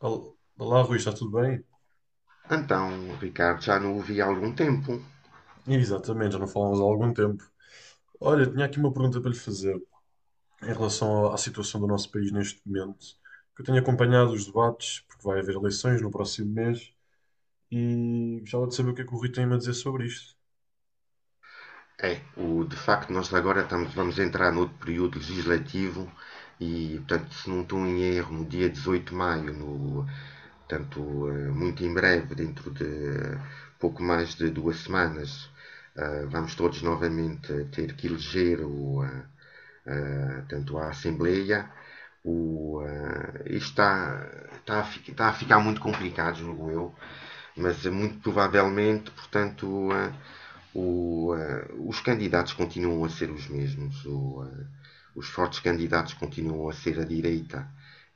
Olá, Rui, está tudo bem? Então, Ricardo, já não o vi há algum tempo. Exatamente, já não falamos há algum tempo. Olha, tinha aqui uma pergunta para lhe fazer em relação à situação do nosso país neste momento. Que Eu tenho acompanhado os debates, porque vai haver eleições no próximo mês, e gostava de saber o que é que o Rui tem a dizer sobre isto. De facto, vamos entrar no outro período legislativo e, portanto, se não estou em erro, no dia 18 de maio, no, portanto, eh, muito em breve, dentro de pouco mais de 2 semanas, vamos todos novamente ter que eleger tanto a Assembleia. O, isto está, está, a, Está a ficar muito complicado, julgo eu, mas muito provavelmente, os candidatos continuam a ser os mesmos. Os fortes candidatos continuam a ser a direita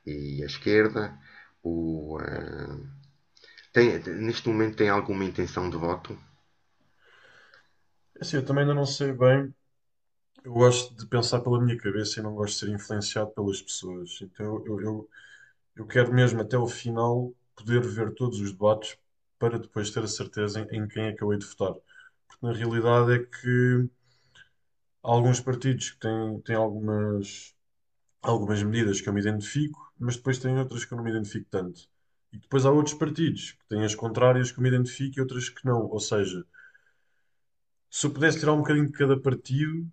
e a esquerda. O, Certo. uh, Neste momento tem alguma intenção de voto? Assim, eu também ainda não sei bem. Eu gosto de pensar pela minha cabeça e não gosto de ser influenciado pelas pessoas. Então eu quero mesmo até ao final poder ver todos os debates para depois ter a certeza em, em quem acabei de votar. Porque na realidade é que há alguns partidos que têm, têm algumas, algumas medidas que eu me identifico, mas depois têm outras que eu não me identifico tanto. E depois há outros partidos que têm as contrárias que eu me identifico e outras que não. Ou seja, se eu pudesse tirar um bocadinho de cada partido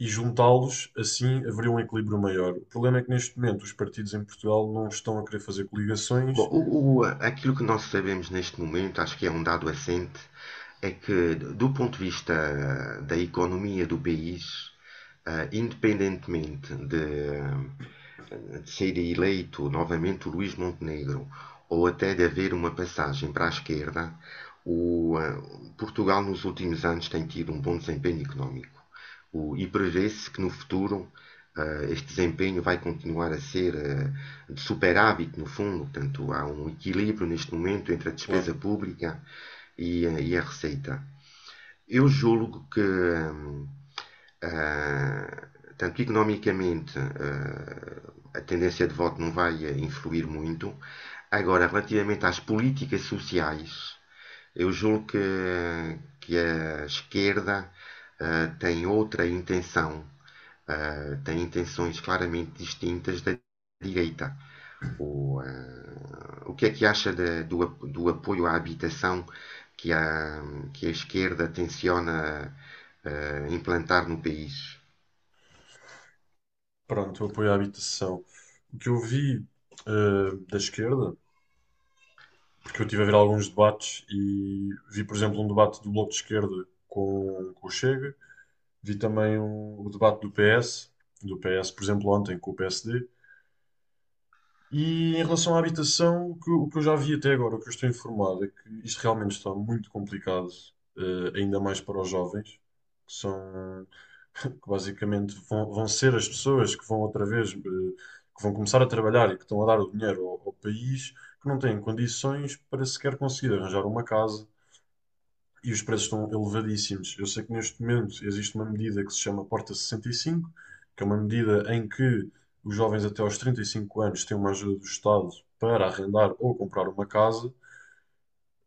e juntá-los, assim haveria um equilíbrio maior. O problema é que neste momento os partidos em Portugal não estão a querer fazer Bom, coligações. o- o- aquilo que nós sabemos neste momento, acho que é um dado assente, é que, do ponto de vista da economia do país, independentemente de, de ser eleito novamente o Luís Montenegro ou até de haver uma passagem para a esquerda, o, eh, Portugal nos últimos anos tem tido um bom desempenho económico. E prevê-se que no futuro este desempenho vai continuar a ser de superávit, no fundo. Portanto, há um equilíbrio neste momento entre a Claro. despesa pública e, e a receita. Eu julgo que, tanto economicamente, a tendência de voto não vai influir muito. Agora, relativamente às políticas sociais, eu julgo que a esquerda tem outra intenção eh, tem intenções claramente distintas da direita. O, eh, o que é que acha de- do, do apoio à habitação que a, que a esquerda tenciona implantar no país? Pronto, o apoio à habitação. O que eu vi da esquerda, porque eu estive a ver alguns debates e vi, por exemplo, um debate do Bloco de Esquerda com o Chega, vi também o debate do PS, do PS, por exemplo, ontem com o PSD. E em relação à habitação, o que eu já vi até agora, o que eu estou informado, é que isto realmente está muito complicado, ainda mais para os jovens, que são, que basicamente vão, vão ser as pessoas que vão outra vez, que vão começar a trabalhar e que estão a dar o dinheiro ao, ao país, que não têm condições para sequer conseguir arranjar uma casa, e os preços estão elevadíssimos. Eu sei que neste momento existe uma medida que se chama Porta 65, que é uma medida em que os jovens até aos 35 anos têm uma ajuda do Estado para arrendar ou comprar uma casa,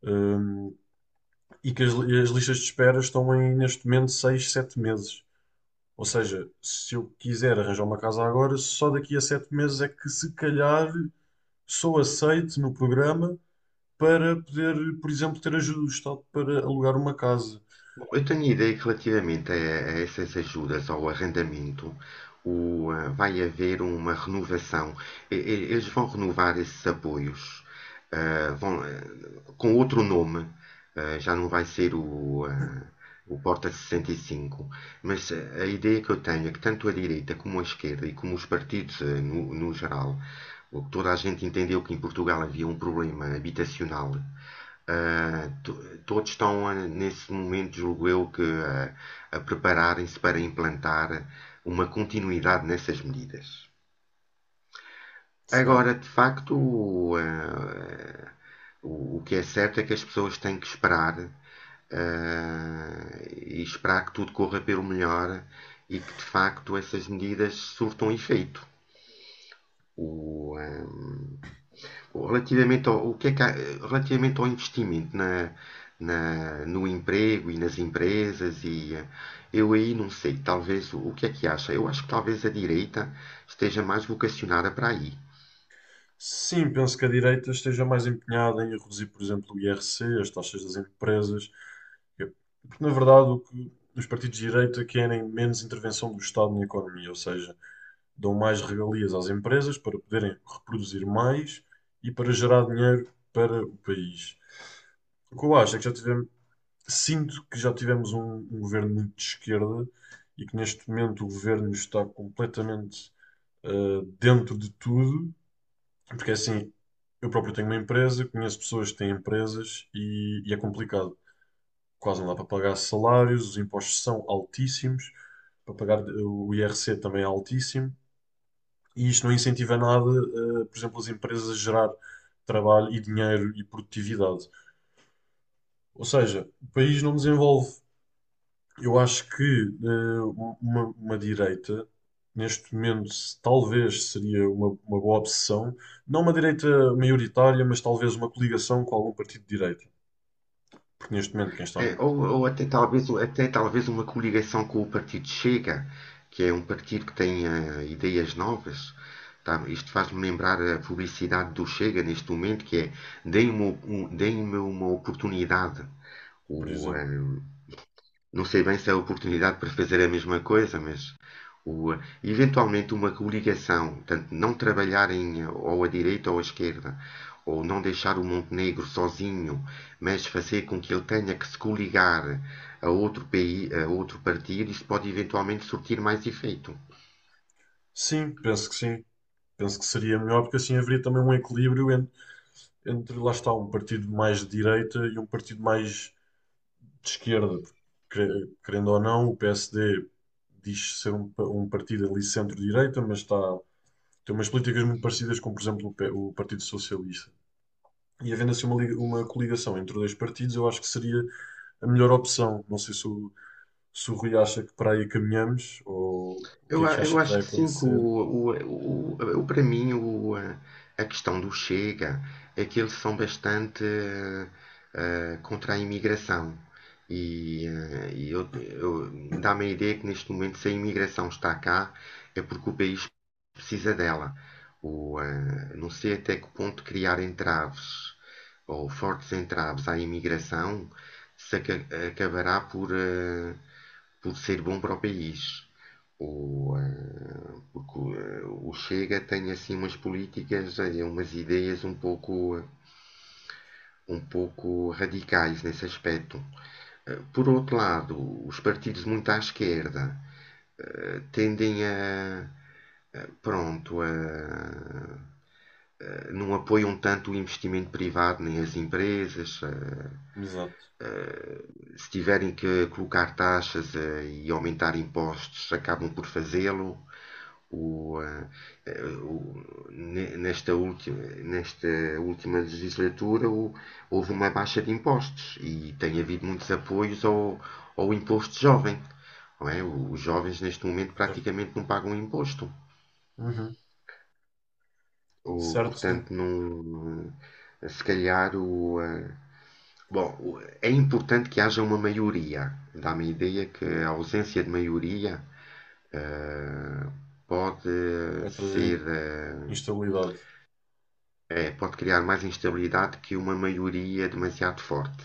hum, e que as listas de espera estão em, neste momento, 6, 7 meses. Ou seja, se eu quiser arranjar uma casa agora, só daqui a 7 meses é que se calhar sou aceite no programa para poder, por exemplo, ter ajuda do Estado para alugar uma casa. Bom, eu tenho a ideia que relativamente a essas ajudas ao arrendamento, vai haver uma renovação. Eles vão renovar esses apoios, vão com outro nome, já não vai ser o Porta 65, mas a ideia que eu tenho é que tanto a direita como a esquerda e como os partidos no geral, o que toda a gente entendeu que em Portugal havia um problema habitacional ah, todos estão, nesse momento, julgo eu, a prepararem-se para implantar uma continuidade nessas medidas. Agora, Certo. de facto, o que é certo é que as pessoas têm que esperar, e esperar que tudo corra pelo melhor e que, de facto, essas medidas surtam efeito. O, ah, Relativamente ao, o que é que há- Relativamente ao investimento no emprego e nas empresas, e eu aí não sei, talvez o que é que acha? Eu acho que talvez a direita esteja mais vocacionada para aí. Sim, penso que a direita esteja mais empenhada em reduzir, por exemplo, o IRC, as taxas das empresas. Eu- Porque, na verdade, o que os partidos de direita querem menos intervenção do Estado na economia, ou seja, dão mais regalias às empresas para poderem reproduzir mais e para gerar dinheiro para o país. O que eu acho é que já tivemos, sinto que já tivemos um, um governo muito de esquerda e que neste momento o governo está completamente dentro de tudo, porque assim, eu próprio tenho uma empresa, conheço pessoas que têm empresas e é complicado. Quase não dá para pagar salários, os impostos são altíssimos, para pagar o IRC também é altíssimo, e isto não incentiva nada, por exemplo, as empresas a gerar trabalho e dinheiro e produtividade. Ou seja, o país não desenvolve. Eu acho que uma direita, neste momento, talvez seria uma boa opção, não uma direita maioritária, mas talvez uma coligação com algum partido de direita. Porque neste momento, quem está no governo, Até talvez uma coligação com o partido Chega, que é um partido que tem ideias novas. Tá? Isto faz-me lembrar a publicidade do Chega neste momento, que é deem-me uma oportunidade. por O, eh, exemplo. Não sei bem se é a oportunidade para fazer a mesma coisa, mas o, eventualmente uma coligação, tanto não trabalharem ou à direita ou à esquerda, ou não deixar o Montenegro sozinho, mas fazer com que ele tenha que se coligar a outro, país, a outro partido, isso pode eventualmente surtir mais efeito. Sim. Penso que seria melhor, porque assim haveria também um equilíbrio entre, entre lá está, um partido mais de direita e um partido mais de esquerda. Porque, querendo ou não, o PSD diz ser um, um partido ali centro-direita, mas está. Tem umas políticas muito parecidas com, por exemplo, o o Partido Socialista. E havendo assim uma, uma coligação entre dois partidos, eu acho que seria a melhor opção. Não sei se o, se o Rui acha que para aí caminhamos ou o que Eu, é que a- eu acha que acho vai que sim, que acontecer. O- para mim a questão do Chega é que eles são bastante contra a imigração. E, dá-me a ideia que neste momento, se a imigração está cá, é porque o país precisa dela. Não sei até que ponto criar entraves ou fortes entraves à imigração se aca- acabará por por ser bom para o país. Porque o Chega tem assim umas políticas, umas ideias um pouco radicais nesse aspecto. Por outro lado, os partidos muito à esquerda tendem a, eh, pronto, a, não apoiam tanto o investimento privado nem as empresas. Exato, Se tiverem que colocar taxas e aumentar impostos, acabam por fazê-lo. O, eh, eh, o- nesta, última, Nesta última legislatura houve uma baixa de impostos e tem havido muitos apoios ao, ao imposto jovem. Não é? Os jovens neste momento certo. praticamente não pagam imposto. Uhum. Certo, sim. Portanto, não, se calhar Bom, é importante que haja uma maioria. Dá-me a ideia que a ausência de maioria eh, pode Vai trazer ser, in- eh, Instabilidade. Pode criar mais instabilidade que uma maioria demasiado forte.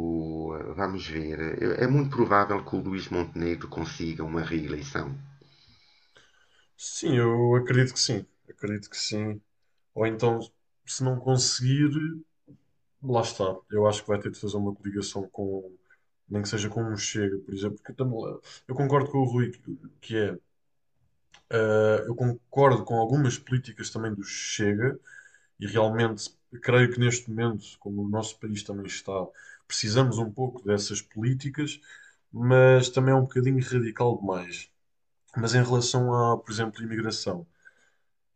O, Vamos ver. É é muito provável que o Luís Montenegro consiga uma reeleição. Sim, eu acredito que sim. Acredito que sim. Ou então, se não conseguir. Lá está. Eu acho que vai ter de fazer uma coligação com, nem que seja com um Chega, por exemplo, porque eu, também, eu concordo com o Rui que é, eu concordo com algumas políticas também do Chega e realmente creio que neste momento, como o nosso país também está, precisamos um pouco dessas políticas, mas também é um bocadinho radical demais. Mas em relação a, por exemplo, imigração.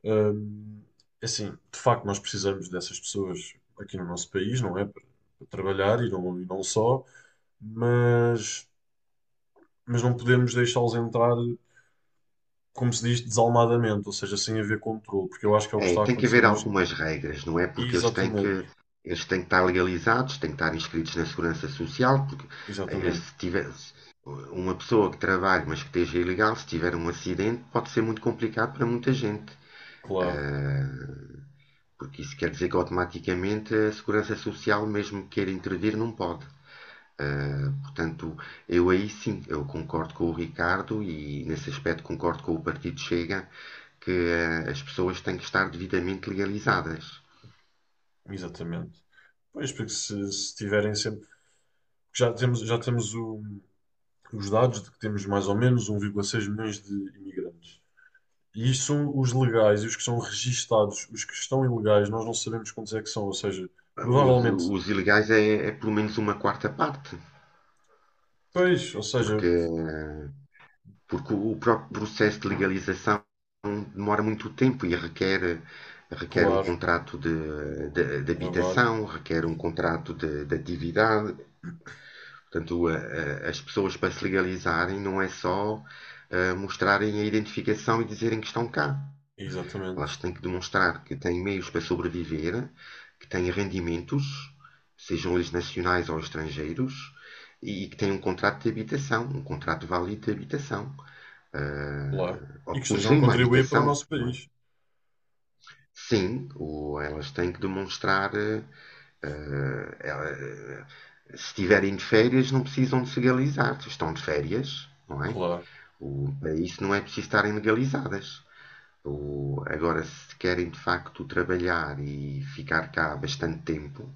Hum, assim, de facto, nós precisamos dessas pessoas aqui no nosso país, não é? Para, para trabalhar e não só, mas, mas não podemos deixá-los entrar, como se diz, desalmadamente, ou seja, sem haver controle, porque eu acho que é o que É, está a tem que acontecer haver neste. algumas regras, não é? Porque eles têm Exatamente, que, eles têm que estar legalizados, têm que estar inscritos na Segurança Social, porque eh, exatamente, se tiver se uma pessoa que trabalhe, mas que esteja ilegal, se tiver um acidente, pode ser muito complicado para muita gente. claro. Ah, Porque isso quer dizer que automaticamente a Segurança Social, mesmo que queira intervir, não pode. Portanto, eu aí sim, eu concordo com o Ricardo e nesse aspecto concordo com o Partido Chega que as pessoas têm que estar devidamente legalizadas. Exatamente. Pois, porque se tiverem sempre. Já temos, já temos o- os dados de que temos mais ou menos 1,6 milhões de imigrantes. E isto são os legais e os que são registados. Os que estão ilegais, nós não sabemos quantos é que são. Ou seja, Os, provavelmente. os ilegais é pelo menos uma quarta parte, Pois, ou seja, porque uh, porque o próprio processo de legalização demora muito tempo e requer um claro, contrato de trabalho. habitação, requer um ex- contrato de atividade. Portanto, as pessoas para se legalizarem não é só mostrarem a identificação e dizerem que estão cá. Elas Exatamente, têm que demonstrar que têm meios para sobreviver, que têm rendimentos, sejam eles nacionais ou estrangeiros, e que têm um contrato de habitação, um contrato válido de habitação claro. E ou que que estejam a possuem uma contribuir para o habitação, nosso não é? país. Sim, ou elas têm que demonstrar. Ela- eh, Se estiverem de férias, não precisam de se legalizar. Se estão de férias, não é? Claro, Para isso não é preciso estarem legalizadas. Agora, se querem de facto trabalhar e ficar cá bastante tempo,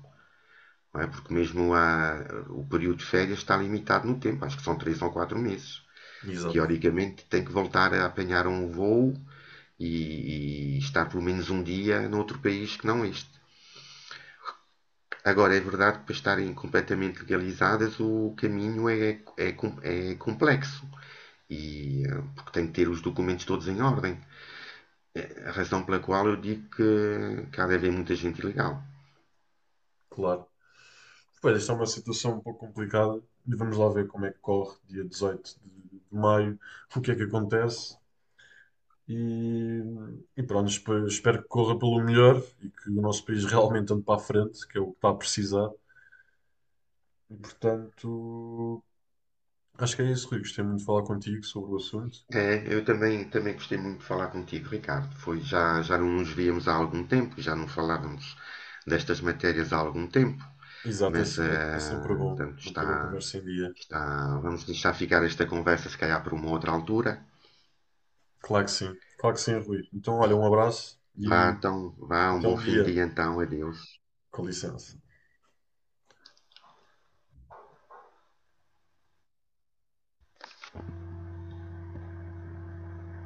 não é? O período de férias está limitado no tempo, acho que são 3 ou 4 meses. exato, Teoricamente, tem que voltar a apanhar um voo e estar pelo menos um dia noutro país que não este. Agora, é verdade que para estarem completamente legalizadas o caminho é complexo e porque tem que ter os documentos todos em ordem. A razão pela qual eu digo que há de haver muita gente ilegal. claro. Pois, esta é uma situação um pouco complicada. E vamos lá ver como é que corre dia 18 de maio, o que é que acontece. E, e pronto, espero que corra pelo melhor e que o nosso país realmente ande para a frente, que é o que está a precisar. E portanto, acho que é isso, Rui. Gostei muito de falar contigo sobre o assunto. É, eu também, também gostei muito de falar contigo, Ricardo. Já não nos víamos há algum tempo, já não falávamos destas matérias há algum tempo, Exato, é, mas é sempre bom manter a conversa em dia. Tá, vamos deixar ficar esta conversa, se calhar, para uma outra altura. Claro que sim, Rui. Então, olha, um abraço Vá, e então, vá, um até bom um fim de dia. dia, então, adeus. Com licença.